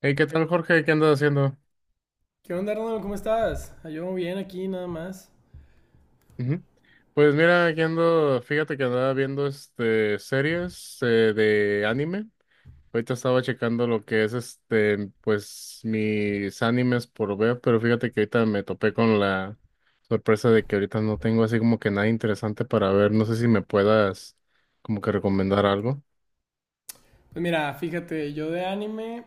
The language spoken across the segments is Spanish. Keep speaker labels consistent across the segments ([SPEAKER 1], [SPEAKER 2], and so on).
[SPEAKER 1] Hey, ¿qué tal, Jorge? ¿Qué andas haciendo?
[SPEAKER 2] ¿Qué onda, Arnold? ¿Cómo estás? Yo bien aquí, nada más.
[SPEAKER 1] Ujú. Pues mira, aquí ando, fíjate que andaba viendo este series de anime. Ahorita estaba checando lo que es este, pues mis animes por ver, pero fíjate que ahorita me topé con la sorpresa de que ahorita no tengo así como que nada interesante para ver. No sé si me puedas como que recomendar algo.
[SPEAKER 2] Pues mira, fíjate, yo de anime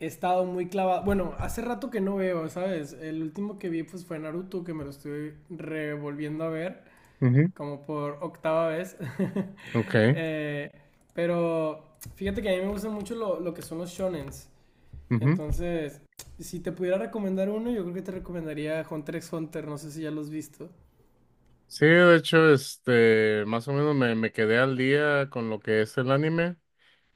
[SPEAKER 2] he estado muy clavado. Bueno, hace rato que no veo, ¿sabes? El último que vi pues, fue Naruto, que me lo estoy revolviendo a ver,
[SPEAKER 1] Ujú.
[SPEAKER 2] como por octava vez.
[SPEAKER 1] Ok.
[SPEAKER 2] Eh, pero fíjate que a mí me gustan mucho lo que son los shonens.
[SPEAKER 1] Ujú.
[SPEAKER 2] Entonces, si te pudiera recomendar uno, yo creo que te recomendaría Hunter x Hunter. No sé si ya lo has visto.
[SPEAKER 1] Sí, de hecho, este, más o menos me quedé al día con lo que es el anime.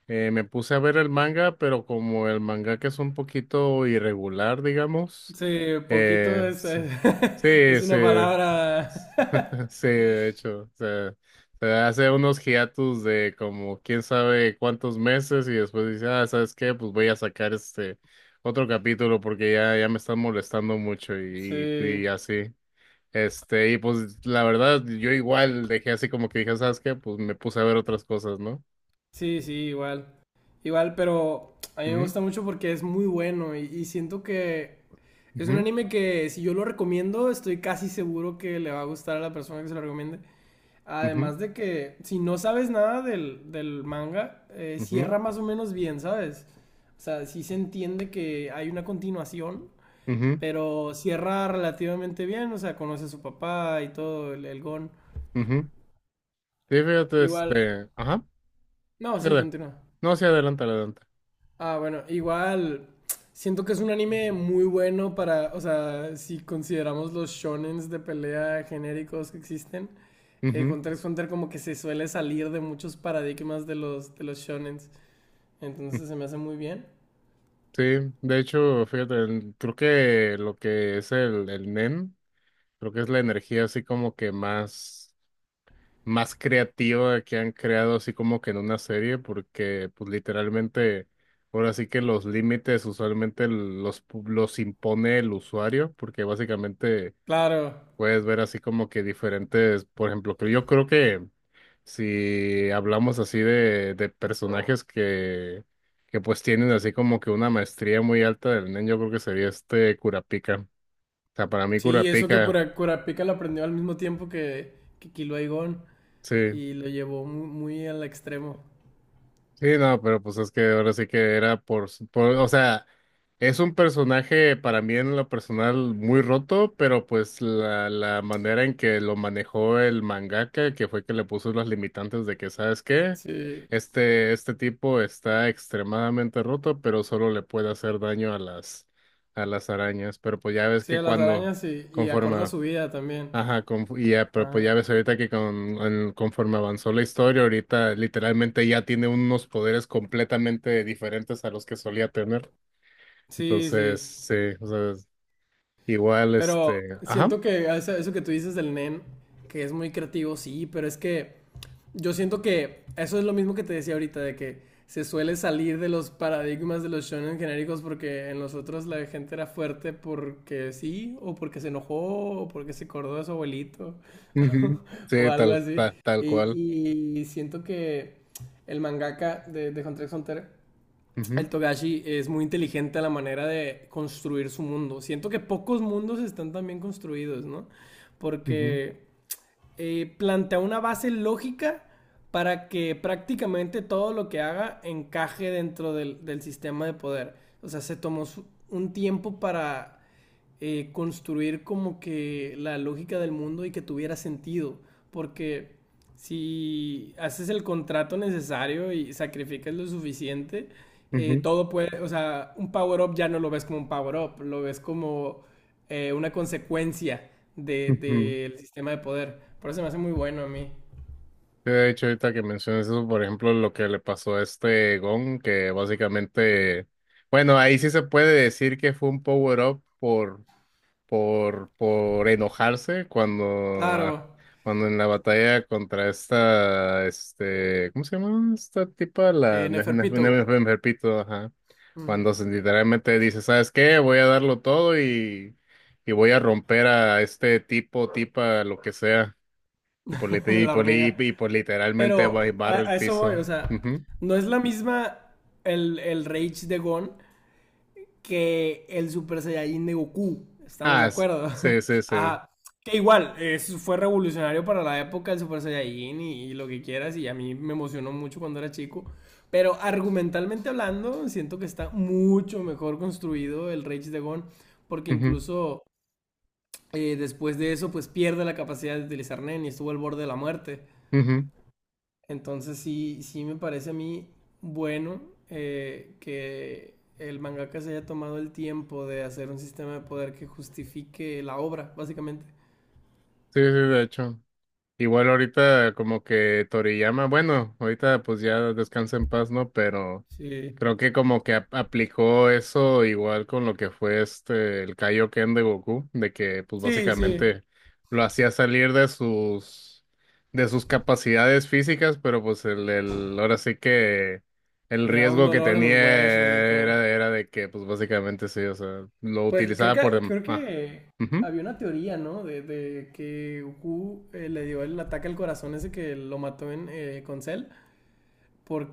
[SPEAKER 1] Me puse a ver el manga, pero como el manga que es un poquito irregular, digamos,
[SPEAKER 2] Sí, poquito es,
[SPEAKER 1] sí, sí,
[SPEAKER 2] es una palabra.
[SPEAKER 1] sí, de hecho, o se hace unos hiatus de como quién sabe cuántos meses y después dice, ah, ¿sabes qué? Pues voy a sacar este otro capítulo porque ya me están molestando mucho
[SPEAKER 2] Sí,
[SPEAKER 1] y así. Este, y pues la verdad, yo igual dejé así como que dije, ¿sabes qué? Pues me puse a ver otras cosas, ¿no?
[SPEAKER 2] sí, sí, igual. Igual, pero a mí me
[SPEAKER 1] Ujú,
[SPEAKER 2] gusta mucho porque es muy bueno y siento que es un
[SPEAKER 1] ujú,
[SPEAKER 2] anime que si yo lo recomiendo, estoy casi seguro que le va a gustar a la persona que se lo recomiende.
[SPEAKER 1] ujú.
[SPEAKER 2] Además de que si no sabes nada del manga,
[SPEAKER 1] Ujú,
[SPEAKER 2] cierra más o menos bien, ¿sabes? O sea, sí se entiende que hay una continuación,
[SPEAKER 1] ujú,
[SPEAKER 2] pero cierra relativamente bien, o sea, conoce a su papá y todo, el Gon.
[SPEAKER 1] ujú. Sí, fíjate,
[SPEAKER 2] Igual,
[SPEAKER 1] este, ajá,
[SPEAKER 2] no, sí,
[SPEAKER 1] fíjate.
[SPEAKER 2] continúa.
[SPEAKER 1] No, sí, adelante, adelante.
[SPEAKER 2] Ah, bueno, igual siento que es un anime muy bueno para, o sea, si consideramos los shonens de pelea genéricos que existen,
[SPEAKER 1] Ujú,
[SPEAKER 2] Hunter x Hunter como que se suele salir de muchos paradigmas de de los shonens,
[SPEAKER 1] ujú.
[SPEAKER 2] entonces se me hace muy bien.
[SPEAKER 1] Sí, de hecho, fíjate, creo que lo que es el NEM, creo que es la energía así como que más, más creativa que han creado así como que en una serie, porque pues literalmente, ahora sí que los límites usualmente los, los impone el usuario, porque básicamente
[SPEAKER 2] Claro,
[SPEAKER 1] puedes ver así como que diferentes, por ejemplo, que yo creo que si hablamos así de personajes que pues tienen así como que una maestría muy alta del nen, yo creo que sería este Kurapika. O sea, para mí
[SPEAKER 2] sí, eso que por
[SPEAKER 1] Kurapika,
[SPEAKER 2] Kurapika lo aprendió al mismo tiempo que Kilo Aigon
[SPEAKER 1] sí.
[SPEAKER 2] y lo llevó muy, muy al extremo.
[SPEAKER 1] Sí, no, pero pues es que ahora sí que era o sea, es un personaje para mí en lo personal muy roto, pero pues la manera en que lo manejó el mangaka, que fue que le puso los limitantes de que, ¿sabes qué?
[SPEAKER 2] Sí,
[SPEAKER 1] Este tipo está extremadamente roto, pero solo le puede hacer daño a a las arañas. Pero pues ya ves
[SPEAKER 2] sí,
[SPEAKER 1] que
[SPEAKER 2] a las
[SPEAKER 1] cuando,
[SPEAKER 2] arañas sí, y acorde a
[SPEAKER 1] conforme,
[SPEAKER 2] su vida también.
[SPEAKER 1] ajá, y ya, pero pues ya
[SPEAKER 2] Ajá.
[SPEAKER 1] ves ahorita que con, conforme avanzó la historia, ahorita literalmente ya tiene unos poderes completamente diferentes a los que solía tener.
[SPEAKER 2] Sí,
[SPEAKER 1] Entonces,
[SPEAKER 2] sí.
[SPEAKER 1] sí, o sea, igual
[SPEAKER 2] Pero
[SPEAKER 1] este, ajá,
[SPEAKER 2] siento que eso que tú dices del nen, que es muy creativo, sí, pero es que yo siento que eso es lo mismo que te decía ahorita, de que se suele salir de los paradigmas de los shonen genéricos porque en los otros la gente era fuerte porque sí, o porque se enojó, o porque se acordó de su abuelito,
[SPEAKER 1] ujú.
[SPEAKER 2] o
[SPEAKER 1] Sí,
[SPEAKER 2] algo
[SPEAKER 1] tal,
[SPEAKER 2] así.
[SPEAKER 1] tal, cual.
[SPEAKER 2] Y siento que el mangaka de Hunter x Hunter, el
[SPEAKER 1] Ujú,
[SPEAKER 2] Togashi, es muy inteligente a la manera de construir su mundo. Siento que pocos mundos están tan bien construidos, ¿no?
[SPEAKER 1] ujú,
[SPEAKER 2] Porque plantea una base lógica para que prácticamente todo lo que haga encaje dentro del sistema de poder. O sea, se tomó un tiempo para construir como que la lógica del mundo y que tuviera sentido. Porque si haces el contrato necesario y sacrificas lo suficiente,
[SPEAKER 1] ujú,
[SPEAKER 2] todo puede, o sea, un power-up ya no lo ves como un power-up, lo ves como una consecuencia
[SPEAKER 1] ujú.
[SPEAKER 2] del sistema de poder. Por eso me hace muy bueno a mí.
[SPEAKER 1] Sí, de hecho, ahorita que mencionas eso, por ejemplo, lo que le pasó a este Gon, que básicamente, bueno, ahí sí se puede decir que fue un power-up por enojarse cuando,
[SPEAKER 2] Claro,
[SPEAKER 1] ah, cuando en la batalla contra esta, este, ¿cómo se llama esta tipa? La
[SPEAKER 2] Neferpito.
[SPEAKER 1] Nepito, ajá.
[SPEAKER 2] Ujú.
[SPEAKER 1] Cuando literalmente dice, ¿sabes qué? Voy a darlo todo y voy a romper a este tipo, tipa, lo que sea. Y por, lit- y
[SPEAKER 2] La
[SPEAKER 1] por, li-
[SPEAKER 2] hormiga.
[SPEAKER 1] y por literalmente
[SPEAKER 2] Pero
[SPEAKER 1] barre el
[SPEAKER 2] a eso voy, o
[SPEAKER 1] piso.
[SPEAKER 2] sea,
[SPEAKER 1] Ujú.
[SPEAKER 2] no es la misma el rage de Gon que el Super Saiyajin de Goku. Estamos
[SPEAKER 1] Ah,
[SPEAKER 2] de acuerdo.
[SPEAKER 1] sí, sí, sí.
[SPEAKER 2] Ajá. Que igual, fue revolucionario para la época el Super Saiyajin y lo que quieras, y a mí me emocionó mucho cuando era chico. Pero argumentalmente hablando, siento que está mucho mejor construido el Rage de, porque incluso después de eso, pues pierde la capacidad de utilizar Nen y estuvo al borde de la muerte.
[SPEAKER 1] Ujú, ujú.
[SPEAKER 2] Entonces sí, sí me parece a mí bueno que el mangaka se haya tomado el tiempo de hacer un sistema de poder que justifique la obra, básicamente.
[SPEAKER 1] Sí, sí, de hecho. Igual ahorita como que Toriyama, bueno, ahorita pues ya descansa en paz, ¿no? Pero
[SPEAKER 2] Sí,
[SPEAKER 1] creo que como que aplicó eso igual con lo que fue este, el Kaioken de Goku, de que pues
[SPEAKER 2] sí, sí.
[SPEAKER 1] básicamente lo hacía salir de sus capacidades físicas, pero pues ahora sí que el
[SPEAKER 2] Le da un
[SPEAKER 1] riesgo que
[SPEAKER 2] dolor en los
[SPEAKER 1] tenía
[SPEAKER 2] huesos y todo.
[SPEAKER 1] era, era de que pues básicamente sí, o sea, lo
[SPEAKER 2] Pues
[SPEAKER 1] utilizaba por...
[SPEAKER 2] creo
[SPEAKER 1] Ah,
[SPEAKER 2] que
[SPEAKER 1] ujú,
[SPEAKER 2] había una teoría, ¿no? De que Goku le dio el ataque al corazón ese que lo mató en, con Cell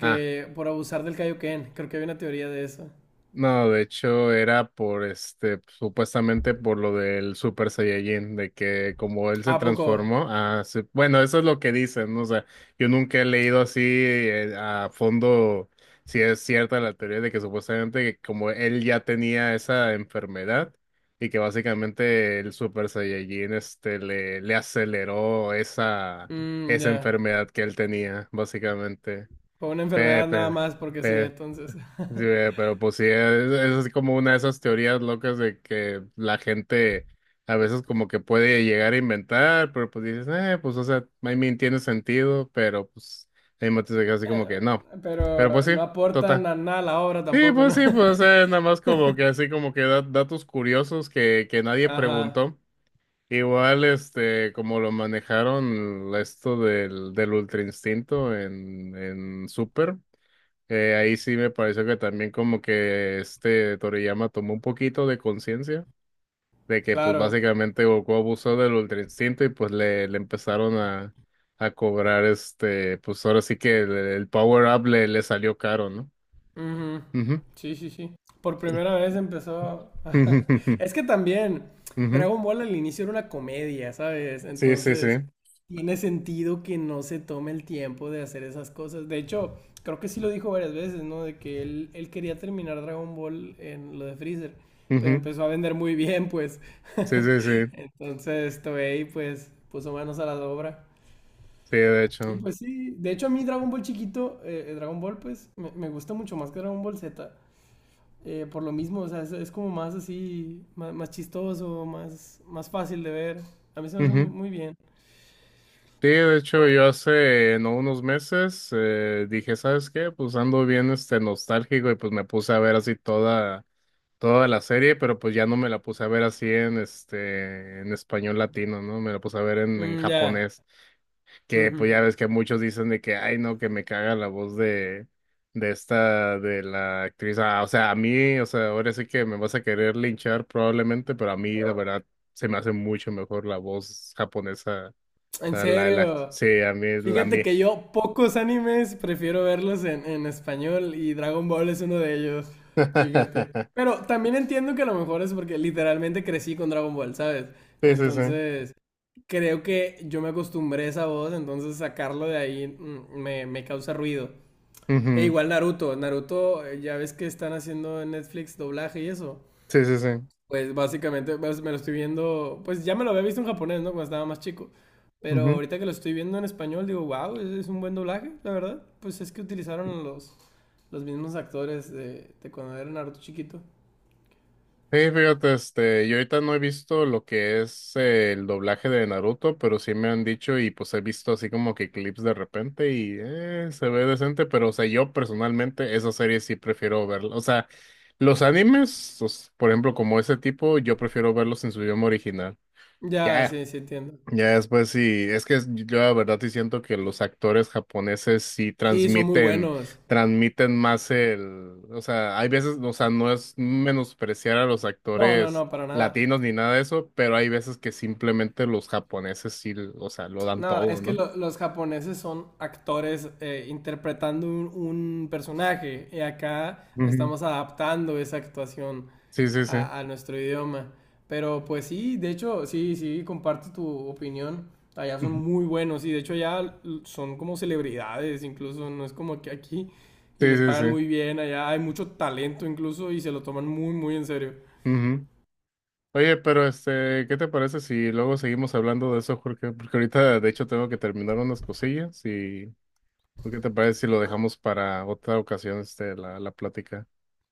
[SPEAKER 1] ah.
[SPEAKER 2] por abusar del Kaioken. Creo que había una teoría de eso.
[SPEAKER 1] No, de hecho era por este, supuestamente por lo del Super Saiyajin, de que como él se
[SPEAKER 2] ¿A poco?
[SPEAKER 1] transformó, ah, bueno, eso es lo que dicen, ¿no? O sea, yo nunca he leído así a fondo si es cierta la teoría de que supuestamente que como él ya tenía esa enfermedad y que básicamente el Super Saiyajin este le aceleró esa,
[SPEAKER 2] Mm,
[SPEAKER 1] esa
[SPEAKER 2] ya.
[SPEAKER 1] enfermedad que él tenía, básicamente.
[SPEAKER 2] Por una enfermedad nada
[SPEAKER 1] Pepe.
[SPEAKER 2] más, porque sí, entonces.
[SPEAKER 1] Sí, pero pues sí, es así como una de esas teorías locas de que la gente a veces como que puede llegar a inventar, pero pues dices, pues o sea, I mean, tiene sentido, pero pues hay momentos de que así como
[SPEAKER 2] Eh,
[SPEAKER 1] que no. Pero pues
[SPEAKER 2] pero
[SPEAKER 1] sí,
[SPEAKER 2] no aportan
[SPEAKER 1] total.
[SPEAKER 2] a nada a la obra tampoco, ¿no?
[SPEAKER 1] Sí, pues nada más como que así como que datos curiosos que nadie
[SPEAKER 2] Ajá,
[SPEAKER 1] preguntó. Igual, este, como lo manejaron esto del ultra instinto en Super. Ahí sí me pareció que también como que este Toriyama tomó un poquito de conciencia de que pues
[SPEAKER 2] claro.
[SPEAKER 1] básicamente Goku abusó del Ultra Instinto y pues le empezaron a cobrar este, pues ahora sí que el power up le salió caro, ¿no?
[SPEAKER 2] Ujú.
[SPEAKER 1] Ujú.
[SPEAKER 2] Sí, sí, sí. Por primera vez empezó... Es que también
[SPEAKER 1] Ujú.
[SPEAKER 2] Dragon Ball al inicio era una comedia, ¿sabes?
[SPEAKER 1] Sí, sí, sí.
[SPEAKER 2] Entonces tiene sentido que no se tome el tiempo de hacer esas cosas. De hecho, creo que sí lo dijo varias veces, ¿no? De que él quería terminar Dragon Ball en lo de Freezer, pero
[SPEAKER 1] Ujú.
[SPEAKER 2] empezó a vender muy bien, pues.
[SPEAKER 1] Sí, sí, sí.
[SPEAKER 2] Entonces Toei, pues, puso manos a la obra.
[SPEAKER 1] Sí, de
[SPEAKER 2] Y
[SPEAKER 1] hecho.
[SPEAKER 2] pues sí, de hecho a mí Dragon Ball chiquito, Dragon Ball pues me gusta mucho más que Dragon Ball Z, por lo mismo, o sea, es como más así, más, más chistoso, más, más fácil de ver. A mí se me hace muy,
[SPEAKER 1] Ujú.
[SPEAKER 2] muy bien.
[SPEAKER 1] Sí, de hecho, yo hace no unos meses dije, ¿sabes qué? Pues ando bien este nostálgico y pues me puse a ver así toda toda la serie, pero pues ya no me la puse a ver así en este en español latino, ¿no? Me la puse a ver en
[SPEAKER 2] Mm, ya.
[SPEAKER 1] japonés, que
[SPEAKER 2] Ujú.
[SPEAKER 1] pues ya ves que muchos dicen de que ay no, que me caga la voz de esta de la actriz. Ah, o sea, a mí, o sea, ahora sí que me vas a querer linchar probablemente, pero a mí la verdad se me hace mucho mejor la voz japonesa. O
[SPEAKER 2] En
[SPEAKER 1] sea,
[SPEAKER 2] serio.
[SPEAKER 1] sí, a mí, la
[SPEAKER 2] Fíjate
[SPEAKER 1] mí.
[SPEAKER 2] que yo pocos animes prefiero verlos en español y Dragon Ball es uno de ellos. Fíjate. Pero también entiendo que a lo mejor es porque literalmente crecí con Dragon Ball, ¿sabes?
[SPEAKER 1] Sí, sí, sí.
[SPEAKER 2] Entonces, creo que yo me acostumbré a esa voz, entonces sacarlo de ahí mm, me causa ruido. E
[SPEAKER 1] Ujú.
[SPEAKER 2] igual Naruto, ya ves que están haciendo en Netflix doblaje y eso.
[SPEAKER 1] Sí, sí, sí.
[SPEAKER 2] Pues básicamente pues, me lo estoy viendo, pues ya me lo había visto en japonés, ¿no? Cuando estaba más chico. Pero ahorita que lo estoy viendo en español, digo, wow, es un buen doblaje, la verdad. Pues es que utilizaron a los mismos actores de cuando era Naruto chiquito.
[SPEAKER 1] Sí, fíjate, este, yo ahorita no he visto lo que es el doblaje de Naruto, pero sí me han dicho y pues he visto así como que clips de repente y se ve decente, pero o sea, yo personalmente esa serie sí prefiero verla. O sea, los animes, por ejemplo, como ese tipo, yo prefiero verlos en su idioma original.
[SPEAKER 2] Ya,
[SPEAKER 1] Ya,
[SPEAKER 2] sí, sí entiendo.
[SPEAKER 1] ya después sí, es que yo la verdad sí siento que los actores japoneses sí
[SPEAKER 2] Sí, son muy
[SPEAKER 1] transmiten,
[SPEAKER 2] buenos.
[SPEAKER 1] transmiten más el, o sea, hay veces, o sea, no es menospreciar a los
[SPEAKER 2] No, no,
[SPEAKER 1] actores
[SPEAKER 2] no, para nada.
[SPEAKER 1] latinos ni nada de eso, pero hay veces que simplemente los japoneses sí, o sea, lo dan
[SPEAKER 2] No,
[SPEAKER 1] todo,
[SPEAKER 2] es que
[SPEAKER 1] ¿no?
[SPEAKER 2] los japoneses son actores interpretando un personaje y acá
[SPEAKER 1] Ujú.
[SPEAKER 2] estamos adaptando esa actuación
[SPEAKER 1] Sí, sí, sí.
[SPEAKER 2] a nuestro idioma. Pero pues sí, de hecho, sí, sí, comparto tu opinión. Allá son
[SPEAKER 1] Ujú.
[SPEAKER 2] muy buenos y de hecho allá son como celebridades, incluso no es como que aquí y
[SPEAKER 1] Sí,
[SPEAKER 2] les
[SPEAKER 1] sí,
[SPEAKER 2] pagan
[SPEAKER 1] sí.
[SPEAKER 2] muy bien, allá hay mucho talento incluso y se lo toman muy, muy en serio.
[SPEAKER 1] Ujú. Oye, pero este, ¿qué te parece si luego seguimos hablando de eso, Jorge? Porque ahorita, de hecho, tengo que terminar unas cosillas y ¿O ¿qué te parece si lo dejamos para otra ocasión, este, la plática?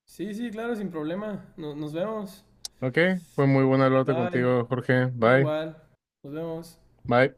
[SPEAKER 2] Sí, sí, claro, sin problema. Nos vemos.
[SPEAKER 1] Ok, fue muy buena hablarte
[SPEAKER 2] Bye.
[SPEAKER 1] contigo, Jorge. Bye,
[SPEAKER 2] Igual. Nos vemos.
[SPEAKER 1] bye.